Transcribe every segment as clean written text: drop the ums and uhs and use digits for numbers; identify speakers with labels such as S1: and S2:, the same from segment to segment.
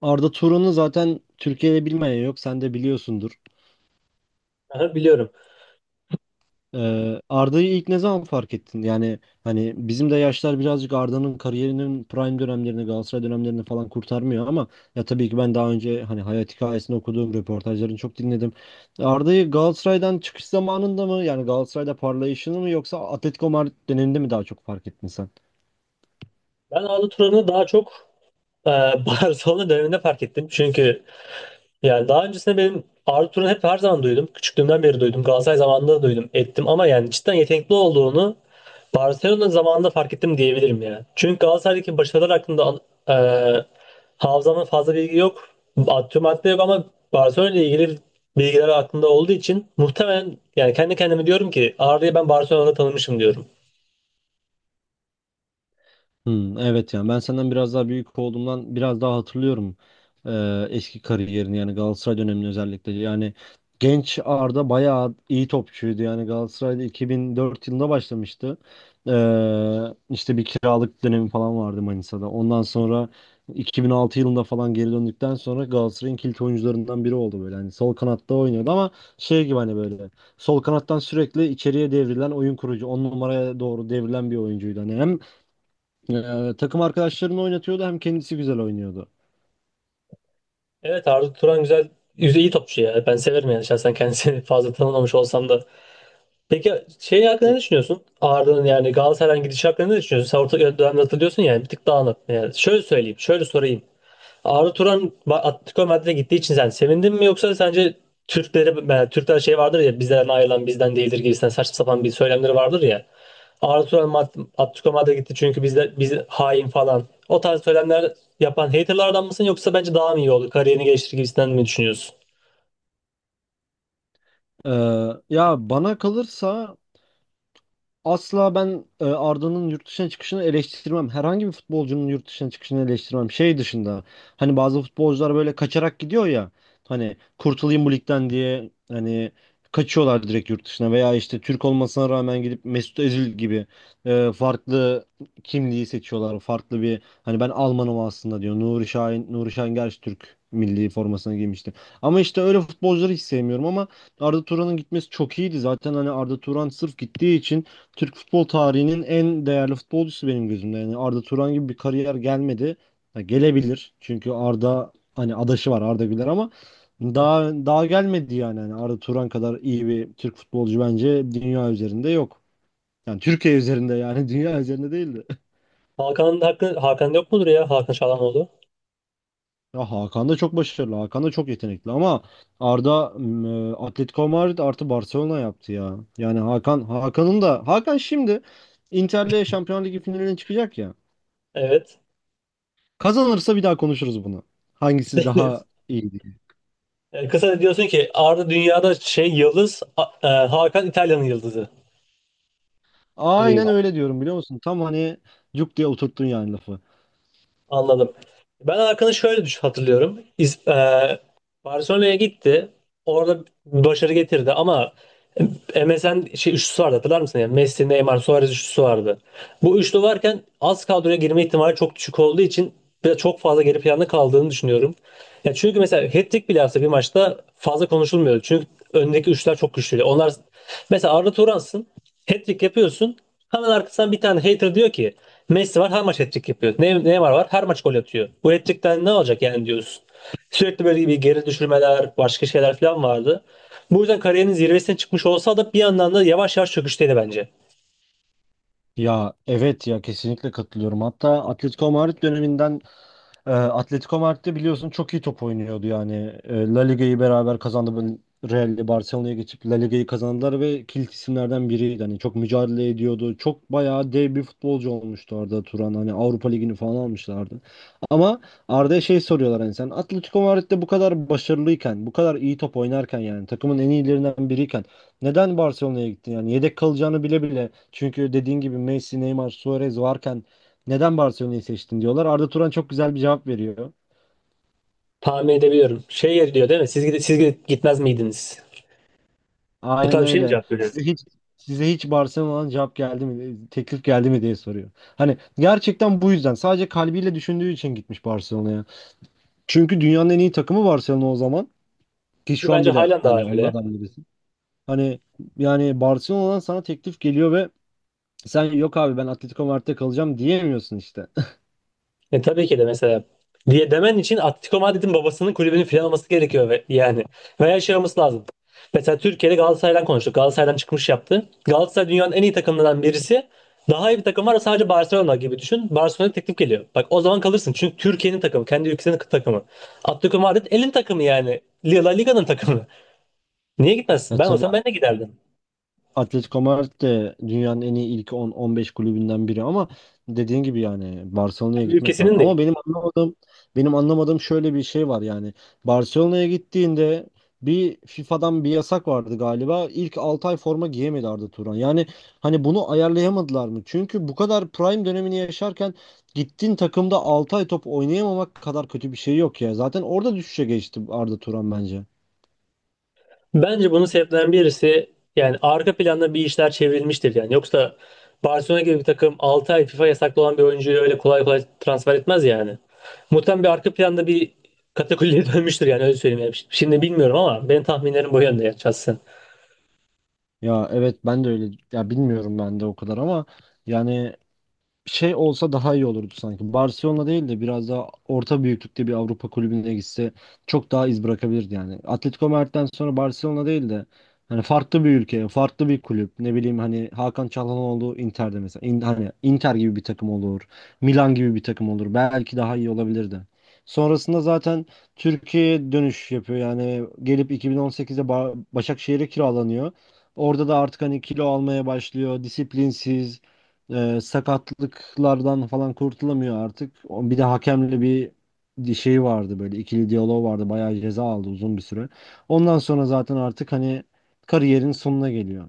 S1: Arda Turan'ı zaten Türkiye'de bilmeyen yok. Sen de biliyorsundur.
S2: Aha, biliyorum.
S1: Arda'yı ilk ne zaman fark ettin? Yani hani bizim de yaşlar birazcık Arda'nın kariyerinin prime dönemlerini, Galatasaray dönemlerini falan kurtarmıyor ama ya tabii ki ben daha önce hani hayat hikayesini okuduğum röportajlarını çok dinledim. Arda'yı Galatasaray'dan çıkış zamanında mı yani Galatasaray'da parlayışını mı yoksa Atletico Madrid döneminde mi daha çok fark ettin sen?
S2: Ben Arda Turan'ı daha çok e, Barcelona döneminde fark ettim. Çünkü yani daha öncesinde benim Arda Turan'ı hep her zaman duydum. Küçüklüğümden beri duydum. Galatasaray zamanında da duydum, ettim. Ama yani cidden yetenekli olduğunu Barcelona zamanında fark ettim diyebilirim ya. Çünkü Galatasaray'daki başarılar hakkında e, hafızamda fazla bilgi yok. Atıyorum madde yok ama Barcelona ile ilgili bilgiler aklımda olduğu için muhtemelen yani kendi kendime diyorum ki Arda'yı ben Barcelona'da tanımışım diyorum.
S1: Hmm, evet, yani ben senden biraz daha büyük olduğumdan biraz daha hatırlıyorum, eski kariyerini yani Galatasaray dönemini özellikle. Yani genç Arda bayağı iyi topçuydu. Yani Galatasaray'da 2004 yılında başlamıştı. İşte bir kiralık dönemi falan vardı Manisa'da. Ondan sonra 2006 yılında falan geri döndükten sonra Galatasaray'ın kilit oyuncularından biri oldu. Böyle hani sol kanatta oynuyordu ama şey gibi, hani böyle sol kanattan sürekli içeriye devrilen, oyun kurucu 10 numaraya doğru devrilen bir oyuncuydu. Hani hem takım arkadaşlarını oynatıyordu hem kendisi güzel oynuyordu.
S2: Evet, Arda Turan güzel yüzeyi topçu ya. Ben severim yani şahsen kendisini fazla tanımamış olsam da. Peki şey hakkında ne
S1: E,
S2: düşünüyorsun? Arda'nın yani Galatasaray'ın gidişi hakkında ne düşünüyorsun? Sen orta dönemde hatırlıyorsun yani bir tık dağınık. Yani şöyle söyleyeyim, şöyle sorayım. Atletico Madrid'e gittiği için sen sevindin mi yoksa sence Türkler şey vardır ya, bizden ayrılan bizden değildir gibisinden saçma sapan bir söylemleri vardır ya. Atletico Madrid'e gitti çünkü bizde biz hain falan. O tarz söylemler yapan haterlardan mısın yoksa bence daha mı iyi oldu? Kariyerini geliştirir gibisinden mi düşünüyorsun?
S1: ya bana kalırsa asla ben Arda'nın yurt dışına çıkışını eleştirmem. Herhangi bir futbolcunun yurt dışına çıkışını eleştirmem. Şey dışında, hani bazı futbolcular böyle kaçarak gidiyor ya. Hani kurtulayım bu ligden diye, hani kaçıyorlar direkt yurt dışına veya işte Türk olmasına rağmen gidip Mesut Özil gibi farklı kimliği seçiyorlar. Farklı bir, hani ben Almanım aslında diyor. Nuri Şahin, Nuri Şahin gerçi Türk milli formasına giymişti. Ama işte öyle futbolcuları hiç sevmiyorum ama Arda Turan'ın gitmesi çok iyiydi. Zaten hani Arda Turan sırf gittiği için Türk futbol tarihinin en değerli futbolcusu benim gözümde. Yani Arda Turan gibi bir kariyer gelmedi. Ha, gelebilir. Çünkü Arda hani adaşı var, Arda Güler, ama daha gelmedi yani. Hani Arda Turan kadar iyi bir Türk futbolcu bence dünya üzerinde yok. Yani Türkiye üzerinde, yani dünya üzerinde değildi.
S2: Hakan'ın hakkı Hakan yok mudur ya? Hakan Çalhanoğlu.
S1: Ya Hakan da çok başarılı. Hakan da çok yetenekli ama Arda Atletico Madrid artı Barcelona yaptı ya. Yani Hakan'ın da, Hakan şimdi Inter'le Şampiyonlar Ligi finaline çıkacak ya.
S2: Evet.
S1: Kazanırsa bir daha konuşuruz bunu. Hangisi daha iyi diye.
S2: Kısa diyorsun ki Arda dünyada şey yıldız, Hakan İtalya'nın yıldızı gibi gibi.
S1: Aynen öyle diyorum, biliyor musun? Tam hani cuk diye oturttun yani lafı.
S2: Anladım. Ben Arkan'ı şöyle düş hatırlıyorum. Barcelona'ya gitti. Orada başarı getirdi ama MSN şey üçlüsü vardı, hatırlar mısın? Yani Messi, Neymar, Suarez üçlüsü vardı. Bu üçlü varken az kadroya girme ihtimali çok düşük olduğu için biraz çok fazla geri planda kaldığını düşünüyorum. Ya çünkü mesela hat-trick bile yapsa bir maçta fazla konuşulmuyor. Çünkü öndeki üçler çok güçlü. Onlar mesela Arda Turan'sın. Hat-trick yapıyorsun. Hemen arkasından bir tane hater diyor ki Messi var her maç hat-trick yapıyor. Neymar var her maç gol atıyor. Bu hat-trick'ten ne olacak yani diyorsun. Sürekli böyle bir geri düşürmeler, başka şeyler falan vardı. Bu yüzden kariyerinin zirvesine çıkmış olsa da bir yandan da yavaş yavaş çöküşteydi bence.
S1: Ya evet, ya kesinlikle katılıyorum. Hatta Atletico Madrid döneminden, Atletico Madrid'de biliyorsun çok iyi top oynuyordu yani. La Liga'yı beraber kazandı. Böyle Real'le Barcelona'ya geçip La Liga'yı kazandılar ve kilit isimlerden biriydi. Hani çok mücadele ediyordu. Çok bayağı dev bir futbolcu olmuştu Arda Turan. Hani Avrupa Ligi'ni falan almışlardı. Ama Arda'ya şey soruyorlar, hani sen Atletico Madrid'de bu kadar başarılıyken, bu kadar iyi top oynarken, yani takımın en iyilerinden biriyken neden Barcelona'ya gittin? Yani yedek kalacağını bile bile. Çünkü dediğin gibi Messi, Neymar, Suarez varken neden Barcelona'yı seçtin diyorlar. Arda Turan çok güzel bir cevap veriyor.
S2: Tahmin edebiliyorum. Şey diyor değil mi? Siz gitmez miydiniz? Bu
S1: Aynen
S2: tarz bir şey mi
S1: öyle.
S2: cevap veriyoruz?
S1: Size hiç Barcelona'dan cevap geldi mi, teklif geldi mi diye soruyor. Hani gerçekten bu yüzden sadece kalbiyle düşündüğü için gitmiş Barcelona'ya. Çünkü dünyanın en iyi takımı Barcelona o zaman, ki
S2: Ki
S1: şu an
S2: bence
S1: bile
S2: halen daha
S1: hani
S2: öyle.
S1: onlardan birisi. Hani yani Barcelona'dan sana teklif geliyor ve sen yok abi ben Atletico Madrid'de kalacağım diyemiyorsun işte.
S2: E, tabii ki de mesela diye demen için Atletico Madrid'in babasının kulübünün filan olması gerekiyor ve, yani. Veya şey olması lazım. Mesela Türkiye'de Galatasaray'dan konuştuk. Galatasaray'dan çıkmış yaptı. Galatasaray dünyanın en iyi takımlarından birisi. Daha iyi bir takım var sadece Barcelona gibi düşün. Barcelona'ya teklif geliyor. Bak o zaman kalırsın. Çünkü Türkiye'nin takımı. Kendi ülkesinin takımı. Atletico Madrid elin takımı yani. La Liga'nın takımı. Niye gitmezsin?
S1: E
S2: Ben
S1: tabii,
S2: olsam ben de giderdim.
S1: Atletico Madrid de dünyanın en iyi ilk 10-15 kulübünden biri ama dediğin gibi yani Barcelona'ya
S2: Kendi
S1: gitmek var.
S2: ülkesinin
S1: Ama
S2: değil.
S1: benim anlamadığım şöyle bir şey var yani Barcelona'ya gittiğinde bir FIFA'dan bir yasak vardı galiba. İlk 6 ay forma giyemedi Arda Turan. Yani hani bunu ayarlayamadılar mı? Çünkü bu kadar prime dönemini yaşarken gittiğin takımda 6 ay top oynayamamak kadar kötü bir şey yok ya. Zaten orada düşüşe geçti Arda Turan bence.
S2: Bence bunun sebeplerinden birisi yani arka planda bir işler çevrilmiştir yani. Yoksa Barcelona gibi bir takım 6 ay FIFA yasaklı olan bir oyuncuyu öyle kolay kolay transfer etmez yani. Muhtemelen bir arka planda bir katakulliye dönmüştür yani öyle söyleyeyim. Yani şimdi bilmiyorum ama benim tahminlerim bu yönde ya şahsen.
S1: Ya evet, ben de öyle, ya bilmiyorum ben de o kadar ama yani şey olsa daha iyi olurdu sanki. Barcelona değil de biraz daha orta büyüklükte bir Avrupa kulübüne gitse çok daha iz bırakabilirdi yani. Atletico Madrid'den sonra Barcelona değil de, hani farklı bir ülke, farklı bir kulüp. Ne bileyim, hani Hakan Çalhanoğlu Inter'de mesela. Hani Inter gibi bir takım olur. Milan gibi bir takım olur. Belki daha iyi olabilirdi. Sonrasında zaten Türkiye'ye dönüş yapıyor. Yani gelip 2018'de Başakşehir'e kiralanıyor. Orada da artık hani kilo almaya başlıyor. Disiplinsiz. Sakatlıklardan falan kurtulamıyor artık. Bir de hakemle bir şey vardı, böyle ikili diyalog vardı. Bayağı ceza aldı uzun bir süre. Ondan sonra zaten artık hani kariyerin sonuna geliyor.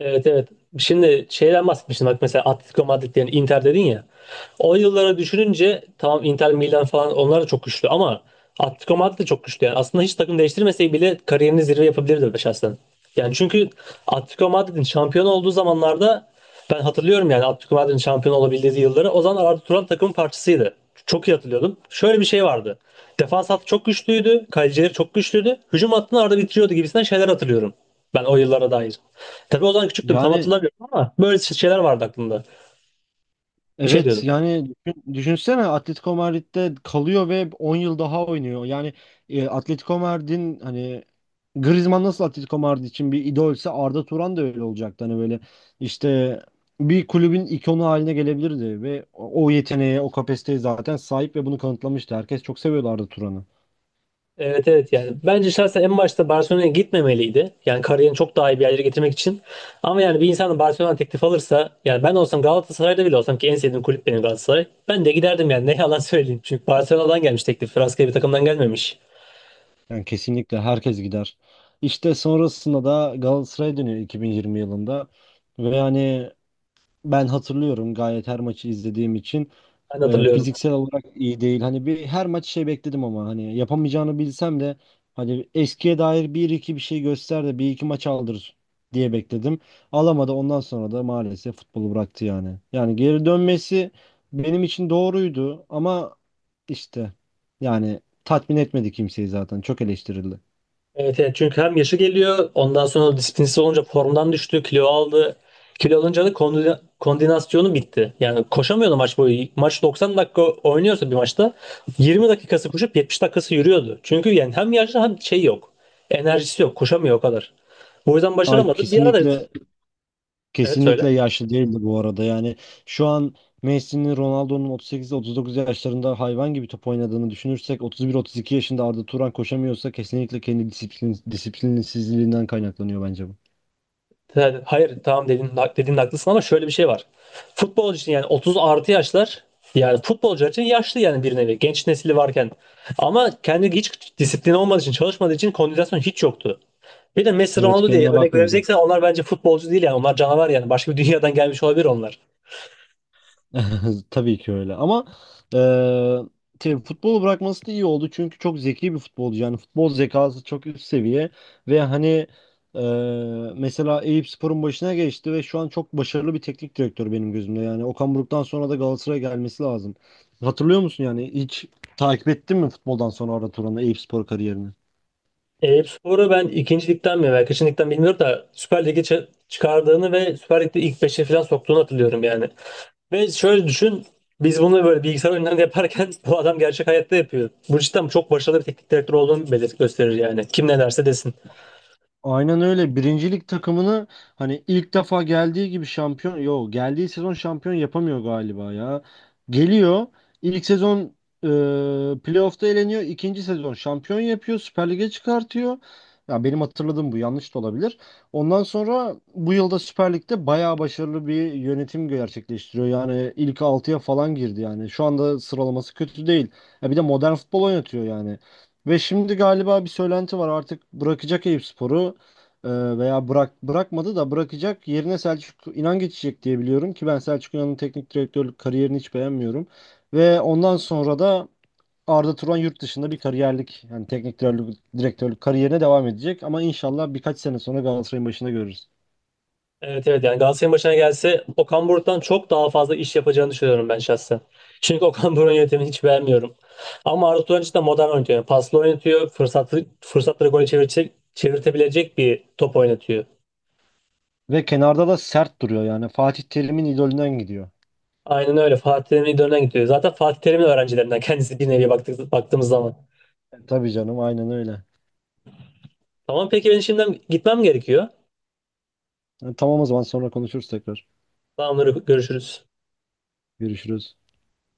S2: Evet, evet. Şimdi şeyden bahsetmiştin bak mesela Atletico Madrid yani Inter dedin ya. O yıllara düşününce tamam Inter Milan falan onlar da çok güçlü ama Atletico Madrid de çok güçlü yani. Aslında hiç takım değiştirmeseydi bile kariyerini zirve yapabilirdi be şahsen. Yani çünkü Atletico Madrid'in şampiyon olduğu zamanlarda ben hatırlıyorum yani Atletico Madrid'in şampiyon olabildiği yılları o zaman Arda Turan takımın parçasıydı. Çok iyi hatırlıyordum. Şöyle bir şey vardı. Defans hattı çok güçlüydü. Kalecileri çok güçlüydü. Hücum hattını Arda bitiriyordu gibisinden şeyler hatırlıyorum. Ben o yıllara dair. Tabii o zaman küçüktüm tam
S1: Yani
S2: hatırlamıyorum ama böyle şeyler vardı aklımda. Bir şey
S1: evet,
S2: diyordum.
S1: yani düşünsene Atletico Madrid'de kalıyor ve 10 yıl daha oynuyor. Yani Atletico Madrid'in hani Griezmann nasıl Atletico Madrid için bir idolse Arda Turan da öyle olacaktı. Hani böyle işte bir kulübün ikonu haline gelebilirdi ve o yeteneğe, o kapasiteye zaten sahip ve bunu kanıtlamıştı. Herkes çok seviyordu Arda Turan'ı.
S2: Evet, evet yani. Bence şahsen en başta Barcelona'ya gitmemeliydi. Yani kariyerini çok daha iyi bir yerlere getirmek için. Ama yani bir insan da Barcelona teklif alırsa yani ben olsam Galatasaray'da bile olsam ki en sevdiğim kulüp benim Galatasaray. Ben de giderdim yani ne yalan söyleyeyim. Çünkü Barcelona'dan gelmiş teklif. Fransız bir takımdan gelmemiş.
S1: Yani kesinlikle herkes gider. İşte sonrasında da Galatasaray'a dönüyor 2020 yılında ve yani ben hatırlıyorum gayet, her maçı izlediğim için.
S2: Ben de hatırlıyorum.
S1: Fiziksel olarak iyi değil. Hani bir her maç şey bekledim ama hani yapamayacağını bilsem de, hani eskiye dair bir iki bir şey göster de bir iki maç aldır diye bekledim. Alamadı. Ondan sonra da maalesef futbolu bıraktı yani. Yani geri dönmesi benim için doğruydu ama işte yani tatmin etmedi kimseyi zaten. Çok eleştirildi.
S2: Evet, evet, çünkü hem yaşı geliyor ondan sonra disiplinsiz olunca formdan düştü, kilo aldı. Kilo alınca da koordinasyonu bitti. Yani koşamıyordu maç boyu. Maç 90 dakika oynuyorsa bir maçta 20 dakikası koşup 70 dakikası yürüyordu. Çünkü yani hem yaşlı hem şey yok. Enerjisi yok. Koşamıyor o kadar. Bu yüzden
S1: Alp,
S2: başaramadı. Bir ara da evet,
S1: kesinlikle
S2: söyle.
S1: yaşlı değildi bu arada. Yani şu an Messi'nin, Ronaldo'nun 38-39 yaşlarında hayvan gibi top oynadığını düşünürsek 31-32 yaşında Arda Turan koşamıyorsa kesinlikle kendi disiplinsizliğinden kaynaklanıyor bence bu.
S2: Yani hayır, tamam, dedin, dediğin haklısın ama şöyle bir şey var. Futbol için yani 30 artı yaşlar yani futbolcular için yaşlı yani bir nevi genç nesili varken. Ama kendi hiç disiplin olmadığı için çalışmadığı için kondisyon hiç yoktu. Bir de Messi
S1: Evet,
S2: Ronaldo diye
S1: kendine
S2: örnek
S1: bakmıyordu.
S2: vereceksen onlar bence futbolcu değil yani onlar canavar yani başka bir dünyadan gelmiş olabilir onlar.
S1: Tabii ki öyle ama eee şey, futbolu bırakması da iyi oldu çünkü çok zeki bir futbolcu. Yani futbol zekası çok üst seviye ve hani mesela Eyüpspor'un başına geçti ve şu an çok başarılı bir teknik direktör benim gözümde. Yani Okan Buruk'tan sonra da Galatasaray'a gelmesi lazım. Hatırlıyor musun, yani hiç takip ettin mi futboldan sonra Arda Turan'ı, Eyüpspor kariyerini?
S2: Eyüpspor'u ben ikincilikten mi veya kaçıncılıktan bilmiyorum da Süper Lig'e çıkardığını ve Süper Lig'de ilk beşe falan soktuğunu hatırlıyorum yani. Ve şöyle düşün. Biz bunu böyle bilgisayar oyunlarında yaparken bu adam gerçek hayatta yapıyor. Bu cidden çok başarılı bir teknik direktör olduğunu gösterir yani. Kim ne derse desin.
S1: Aynen öyle. Birincilik takımını hani ilk defa geldiği gibi şampiyon, yo geldiği sezon şampiyon yapamıyor galiba ya. Geliyor. İlk sezon playoff'ta eleniyor. İkinci sezon şampiyon yapıyor. Süper Lig'e çıkartıyor. Ya benim hatırladığım bu, yanlış da olabilir. Ondan sonra bu yılda Süper Lig'de bayağı başarılı bir yönetim gerçekleştiriyor. Yani ilk 6'ya falan girdi yani. Şu anda sıralaması kötü değil. Ya bir de modern futbol oynatıyor yani. Ve şimdi galiba bir söylenti var, artık bırakacak Eyüpspor'u, e, veya bırakmadı da bırakacak, yerine Selçuk İnan geçecek diye biliyorum ki ben Selçuk İnan'ın teknik direktörlük kariyerini hiç beğenmiyorum. Ve ondan sonra da Arda Turan yurt dışında bir kariyerlik yani teknik direktörlük kariyerine devam edecek ama inşallah birkaç sene sonra Galatasaray'ın başında görürüz.
S2: Evet, evet yani Galatasaray'ın başına gelse Okan Buruk'tan çok daha fazla iş yapacağını düşünüyorum ben şahsen. Çünkü Okan Buruk'un yönetimini hiç beğenmiyorum. Ama Arda Turan cidden modern oynatıyor. Yani paslı oynatıyor. Fırsatlı, fırsatları gole çevirecek, çevirtebilecek bir top oynatıyor.
S1: Ve kenarda da sert duruyor yani Fatih Terim'in idolünden gidiyor.
S2: Aynen öyle. Fatih Terim'in idolünden gidiyor. Zaten Fatih Terim'in öğrencilerinden kendisi bir nevi baktık, baktığımız zaman.
S1: Tabii canım, aynen öyle.
S2: Tamam peki, ben şimdiden gitmem gerekiyor.
S1: Yani tamam, o zaman sonra konuşuruz tekrar.
S2: Tamamdır. Görüşürüz.
S1: Görüşürüz.